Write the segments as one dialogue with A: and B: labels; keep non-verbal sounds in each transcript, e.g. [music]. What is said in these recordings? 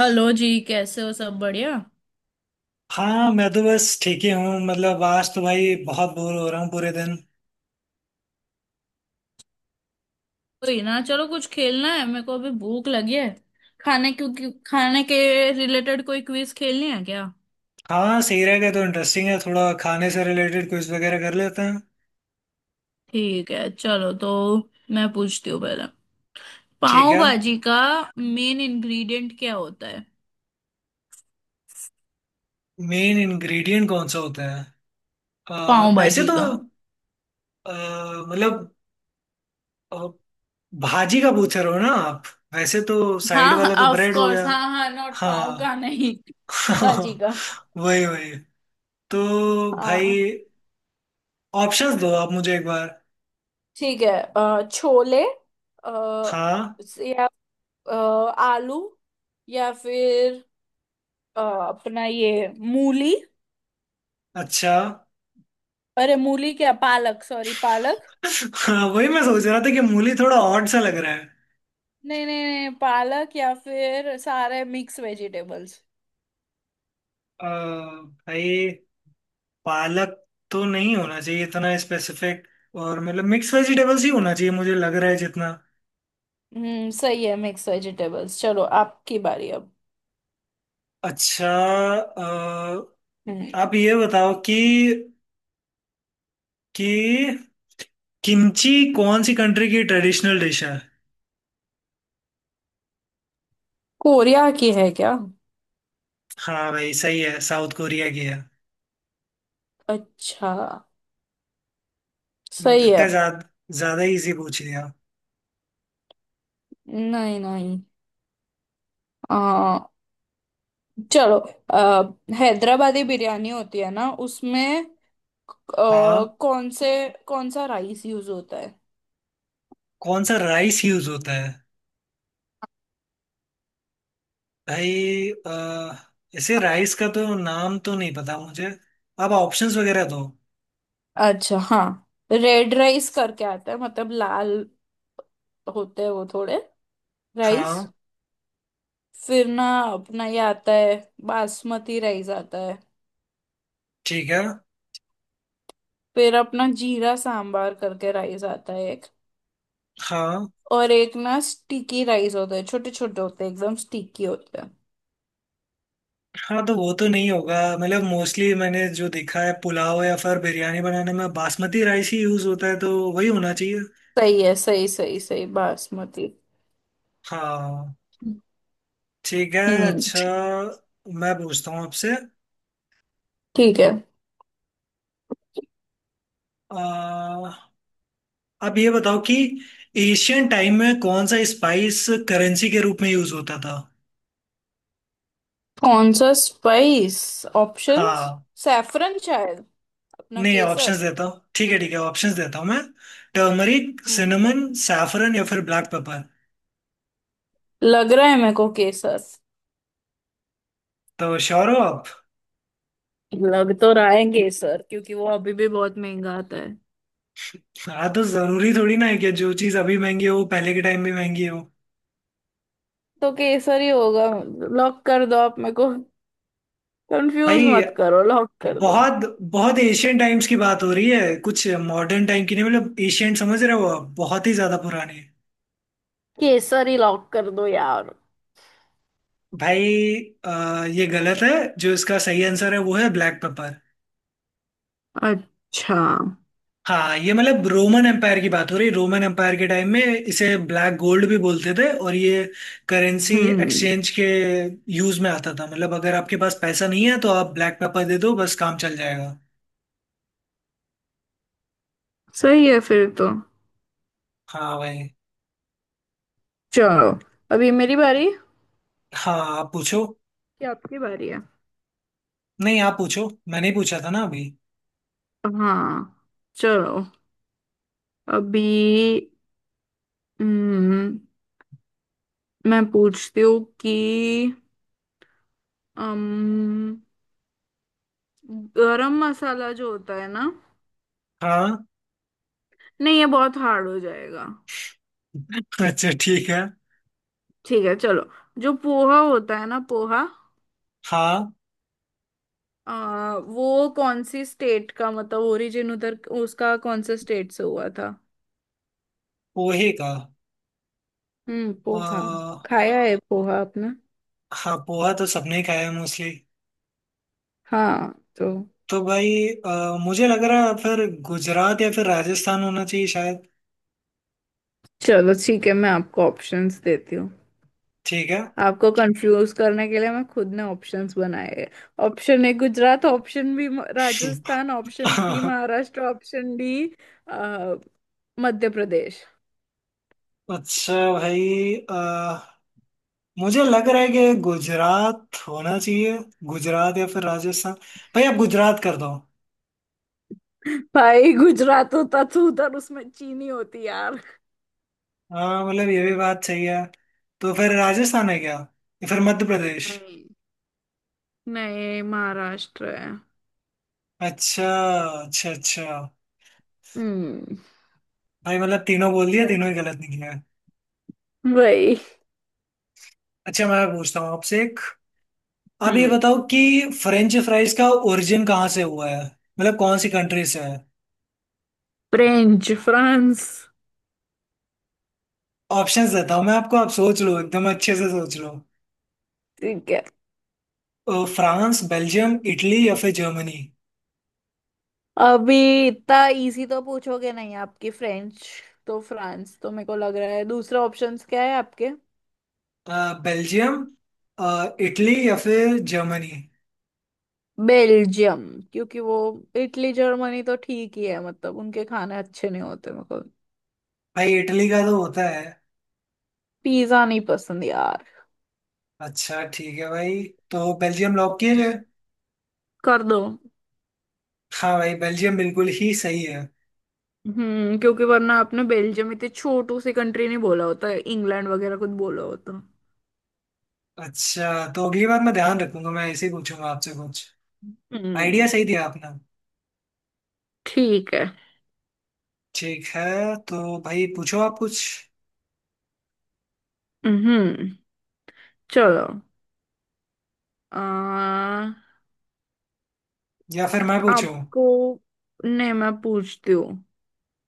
A: Hello जी, कैसे हो? सब बढ़िया।
B: हाँ, मैं तो बस ठीक ही हूँ। मतलब आज तो भाई बहुत बोर हो रहा हूँ पूरे दिन।
A: कोई ना, चलो कुछ खेलना है मेरे को। अभी भूख लगी है खाने, क्योंकि खाने के रिलेटेड कोई क्विज खेलनी है क्या?
B: हाँ सही रहेगा। तो इंटरेस्टिंग है थोड़ा, खाने से रिलेटेड क्विज वगैरह कर लेते हैं।
A: ठीक है, चलो तो मैं पूछती हूँ पहले।
B: ठीक
A: पाव
B: है।
A: भाजी का मेन इंग्रेडिएंट क्या होता है?
B: मेन इंग्रेडिएंट कौन सा होता है।
A: पाव
B: ऐसे
A: भाजी
B: तो
A: का।
B: अ, मतलब अ, भाजी का पूछ रहे हो ना आप। वैसे तो साइड
A: हाँ
B: वाला तो
A: ऑफ
B: ब्रेड हो
A: कोर्स,
B: गया।
A: हाँ हाँ, नॉट पाव
B: हाँ।
A: का, नहीं भाजी का।
B: [laughs] वही वही। तो
A: हाँ।
B: भाई ऑप्शंस दो आप मुझे एक बार।
A: ठीक है। छोले, अ,
B: हाँ।
A: या अ, आलू, या फिर अपना ये मूली।
B: अच्छा,
A: अरे मूली क्या, पालक, सॉरी पालक।
B: हाँ वही मैं सोच रहा था कि मूली थोड़ा ऑड सा लग रहा है।
A: नहीं नहीं नहीं, पालक या फिर सारे मिक्स वेजिटेबल्स।
B: अ, भाई पालक तो नहीं होना चाहिए इतना स्पेसिफिक। और मतलब मिक्स वेजिटेबल्स ही होना चाहिए मुझे लग रहा है जितना।
A: हम्म, सही है, मिक्स वेजिटेबल्स। चलो आपकी बारी अब।
B: अच्छा,
A: हम्म।
B: आप ये बताओ कि कि किमची कौन सी कंट्री की ट्रेडिशनल डिश है।
A: कोरिया की है क्या?
B: हाँ भाई सही है, साउथ कोरिया की है।
A: अच्छा, सही
B: लगता
A: है।
B: है ज्यादा ज्यादा इजी पूछ लिया।
A: नहीं नहीं। आ, चलो। आ, हैदराबादी बिरयानी होती है ना, उसमें आ,
B: हाँ,
A: कौन से कौन सा राइस यूज होता है?
B: कौन सा राइस यूज होता है। भाई, ऐसे राइस का तो नाम तो नहीं पता मुझे। आप ऑप्शंस वगैरह दो।
A: अच्छा हाँ। रेड राइस करके आता है, मतलब लाल होते हैं वो, थोड़े राइस।
B: हाँ।
A: फिर ना, अपना ये आता है, बासमती राइस आता है।
B: ठीक है।
A: फिर अपना जीरा सांबार करके राइस आता है एक।
B: हाँ।
A: और एक ना स्टिकी राइस होता है, छोटे छोटे होते हैं, एकदम स्टिकी होते हैं।
B: हाँ तो वो तो नहीं होगा। मतलब मोस्टली मैंने जो देखा है पुलाव या फिर बिरयानी बनाने में बासमती राइस ही यूज होता है, तो वही होना चाहिए।
A: सही है, सही सही सही, बासमती।
B: हाँ। ठीक है।
A: हम्म।
B: अच्छा, मैं पूछता हूँ आपसे।
A: ठीक है।
B: अ, आप ये बताओ कि एशियन टाइम में कौन सा स्पाइस करेंसी के रूप में यूज होता था।
A: कौन सा स्पाइस? ऑप्शंस?
B: हाँ,
A: सैफरन शायद, अपना
B: नहीं ऑप्शंस
A: केसर।
B: देता हूँ। ठीक है ठीक है, ऑप्शंस देता हूँ मैं। टर्मरिक,
A: हम्म।
B: सिनेमन, सैफरन या फिर ब्लैक पेपर।
A: लग रहा है मेरे को केसर।
B: तो श्योर हो आप।
A: लग तो रहा है केसर, क्योंकि वो अभी भी बहुत महंगा आता है।
B: हाँ, तो जरूरी थोड़ी ना है कि जो चीज अभी महंगी हो वो पहले के टाइम में महंगी हो।
A: तो केसर ही होगा, लॉक कर दो आप। मेरे को कंफ्यूज
B: भाई,
A: मत करो, लॉक कर दो।
B: बहुत बहुत एशियन टाइम्स की बात हो रही है, कुछ मॉडर्न टाइम की नहीं। मतलब एशियन समझ रहे हो आप, बहुत ही ज्यादा पुरानी।
A: केसर ही लॉक कर दो यार।
B: भाई, अ, ये गलत है। जो इसका सही आंसर है वो है ब्लैक पेपर।
A: अच्छा।
B: हाँ, ये मतलब रोमन एम्पायर की बात हो रही है। रोमन एम्पायर के टाइम में इसे ब्लैक गोल्ड भी बोलते थे और ये करेंसी
A: हम्म।
B: एक्सचेंज के यूज में आता था। मतलब अगर आपके पास पैसा नहीं है तो आप ब्लैक पेपर दे दो, बस काम चल जाएगा।
A: सही है फिर तो।
B: हाँ भाई।
A: चलो। अभी मेरी बारी कि
B: हाँ, आप पूछो।
A: आपकी बारी है।
B: नहीं, आप पूछो, मैंने ही पूछा था ना अभी।
A: हाँ चलो अभी। हम्म। मैं पूछती हूँ कि अम गरम मसाला जो होता है ना,
B: हाँ।
A: नहीं, ये बहुत हार्ड हो जाएगा।
B: [laughs] अच्छा, ठीक है।
A: ठीक है, चलो। जो पोहा होता है ना, पोहा,
B: हाँ,
A: वो कौन सी स्टेट का, मतलब ओरिजिन उधर उसका कौन से स्टेट से हुआ था?
B: पोहे का।
A: हम्म,
B: अ,
A: पोहा। खाया है पोहा आपने?
B: हाँ, पोहा तो सबने ही खाया है मोस्टली।
A: हाँ तो।
B: तो भाई मुझे लग रहा है फिर गुजरात या फिर राजस्थान होना चाहिए शायद।
A: चलो ठीक है, मैं आपको ऑप्शंस देती हूँ।
B: ठीक है।
A: आपको कंफ्यूज करने के लिए मैं खुद ने ऑप्शंस बनाए हैं। Option A Gujarat, option B Rajasthan, option C
B: [laughs]
A: Maharashtra, option D Madhya Pradesh.
B: अच्छा भाई, मुझे लग रहा है कि गुजरात होना चाहिए। गुजरात या फिर राजस्थान। भाई आप गुजरात कर दो।
A: भाई, गुजरात होता तो उधर उसमें चीनी होती यार।
B: हाँ, मतलब ये भी बात सही है। तो फिर राजस्थान है क्या, या फिर मध्य प्रदेश।
A: नहीं नहीं, महाराष्ट्र है।
B: अच्छा। अच्छा अच्छा।
A: हम्म।
B: भाई मतलब तीनों बोल दिया,
A: What?
B: तीनों ही गलत निकले हैं।
A: वही।
B: अच्छा, मैं पूछता हूँ आपसे एक। आप ये
A: हम्म।
B: बताओ कि फ्रेंच फ्राइज का ओरिजिन कहाँ से हुआ है, मतलब कौन सी कंट्री से है।
A: French France.
B: ऑप्शंस देता हूँ मैं आपको, आप सोच लो एकदम अच्छे से सोच लो।
A: ठीक है।
B: फ्रांस, बेल्जियम, इटली या फिर जर्मनी।
A: अभी इतना इजी तो पूछोगे नहीं आपकी फ्रेंच, तो फ्रांस तो मेरे को लग रहा है। दूसरा ऑप्शंस क्या है आपके?
B: अ, बेल्जियम, अ, इटली या फिर जर्मनी।
A: बेल्जियम, क्योंकि वो, इटली जर्मनी तो ठीक ही है, मतलब उनके खाने अच्छे नहीं होते मेरे को,
B: भाई इटली का तो होता है।
A: पिज्जा नहीं पसंद यार।
B: अच्छा, ठीक है भाई। तो बेल्जियम लॉक किया जाए।
A: कर दो।
B: हाँ भाई, बेल्जियम बिल्कुल ही सही है।
A: हम्म, क्योंकि वरना आपने बेल्जियम इतनी छोटू सी कंट्री नहीं बोला होता, इंग्लैंड वगैरह कुछ बोला होता।
B: अच्छा, तो अगली बार मैं ध्यान रखूंगा, मैं ऐसे ही पूछूंगा आपसे कुछ। आइडिया
A: हम्म,
B: सही दिया आपने।
A: ठीक है।
B: ठीक है। तो भाई पूछो आप कुछ।
A: हम्म, चलो। आ,
B: या फिर मैं पूछूं।
A: आपको, नहीं, मैं पूछती हूँ।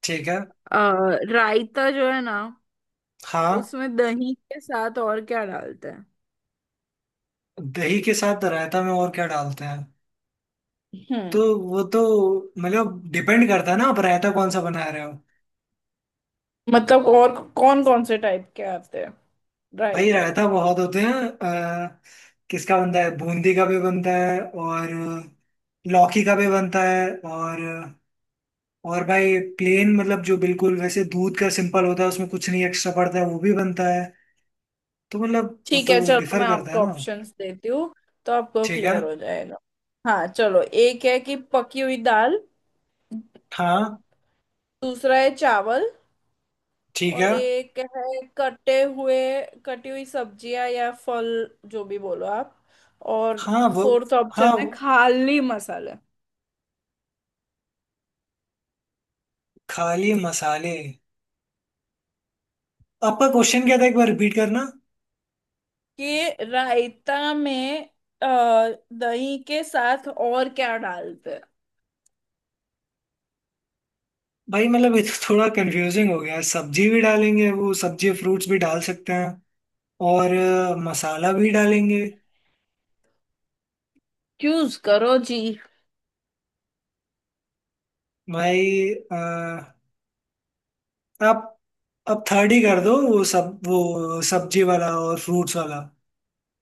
B: ठीक है।
A: आ, रायता जो है ना,
B: हाँ,
A: उसमें दही के साथ और क्या डालते हैं?
B: दही के साथ रायता में और क्या डालते हैं। तो
A: हम्म,
B: वो तो मतलब डिपेंड करता है ना आप रायता कौन सा बना रहे हो।
A: मतलब और कौन कौन से टाइप के आते हैं
B: भाई
A: रायता?
B: रायता बहुत होते हैं, किसका बनता है, बूंदी का भी बनता है और लौकी का भी बनता है, और और भाई प्लेन, मतलब जो बिल्कुल वैसे दूध का सिंपल होता है, उसमें कुछ नहीं एक्स्ट्रा पड़ता है, वो भी बनता है। तो मतलब वो
A: ठीक
B: तो
A: है, चलो,
B: डिफर
A: मैं
B: करता है
A: आपको
B: ना।
A: ऑप्शंस देती हूँ, तो आपको
B: ठीक है।
A: क्लियर हो जाएगा। हाँ चलो, एक है कि पकी हुई दाल,
B: हाँ।
A: दूसरा है चावल,
B: ठीक है।
A: और एक है कटे हुए, कटी हुई सब्जियां या फल, जो भी बोलो आप, और
B: हाँ वो,
A: फोर्थ ऑप्शन
B: हाँ
A: है खाली मसाले।
B: खाली मसाले। आपका क्वेश्चन क्या था एक बार रिपीट करना।
A: कि रायता में अ, दही के साथ और क्या डालते हैं।
B: भाई मतलब ये तो थोड़ा कंफ्यूजिंग हो गया है। सब्जी भी डालेंगे, वो सब्जी फ्रूट्स भी डाल सकते हैं, और मसाला भी डालेंगे।
A: चूज करो जी।
B: भाई, आप अब थर्ड ही कर दो, वो सब वो सब्जी वाला और फ्रूट्स वाला।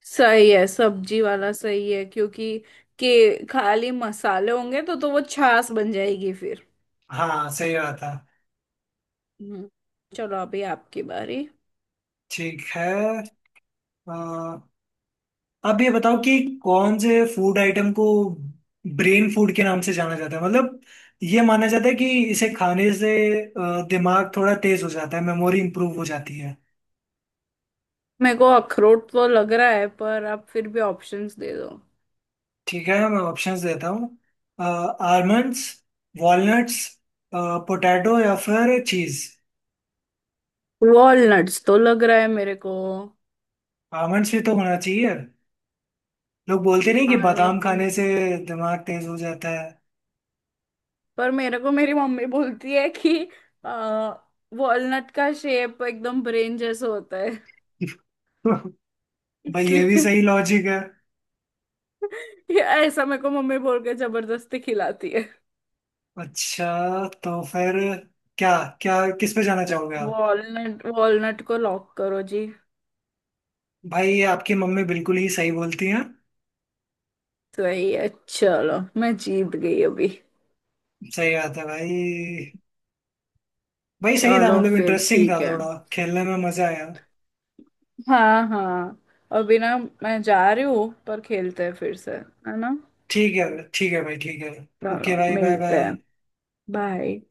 A: सही है, सब्जी वाला सही है, क्योंकि के खाली मसाले होंगे तो वो छाछ बन जाएगी फिर।
B: हाँ सही बात है।
A: हम्म। चलो अभी आपकी बारी।
B: ठीक है। अ, अब ये बताओ कि कौन से फूड आइटम को ब्रेन फूड के नाम से जाना जाता है। मतलब ये माना जाता है कि इसे खाने से दिमाग थोड़ा तेज हो जाता है, मेमोरी इंप्रूव हो जाती है।
A: मेरे को अखरोट तो लग रहा है, पर आप फिर भी ऑप्शंस दे दो।
B: ठीक है मैं ऑप्शंस देता हूँ। आलमंड्स, वॉलनट्स, पोटैटो या फिर चीज।
A: वॉलनट्स तो लग रहा है मेरे को।
B: आलमंड्स भी तो होना चाहिए। लोग बोलते नहीं कि बादाम
A: आलमंड।
B: खाने से दिमाग तेज हो जाता है।
A: पर मेरे को मेरी मम्मी बोलती है कि आ, वॉलनट का शेप एकदम ब्रेन जैसा होता है,
B: [laughs] भाई ये भी
A: इसलिए।
B: सही लॉजिक है।
A: [laughs] ये, ऐसा मेरे को मम्मी बोल के जबरदस्ती खिलाती है।
B: अच्छा, तो फिर क्या क्या किस पे जाना चाहोगे आप।
A: वॉलनट, वॉलनट को लॉक करो जी।
B: भाई ये आपकी मम्मी बिल्कुल ही सही बोलती हैं।
A: सही है, चलो, मैं जीत गई अभी।
B: सही बात है भाई। भाई सही था,
A: चलो
B: मतलब
A: फिर
B: इंटरेस्टिंग था,
A: ठीक है।
B: थोड़ा खेलने में मजा आया।
A: हाँ हाँ। अभी ना, मैं जा रही हूँ, पर खेलते हैं फिर से, है ना?
B: ठीक है। ठीक है भाई, ठीक है।
A: चलो
B: ओके भाई, बाय
A: मिलते हैं।
B: बाय।
A: बाय।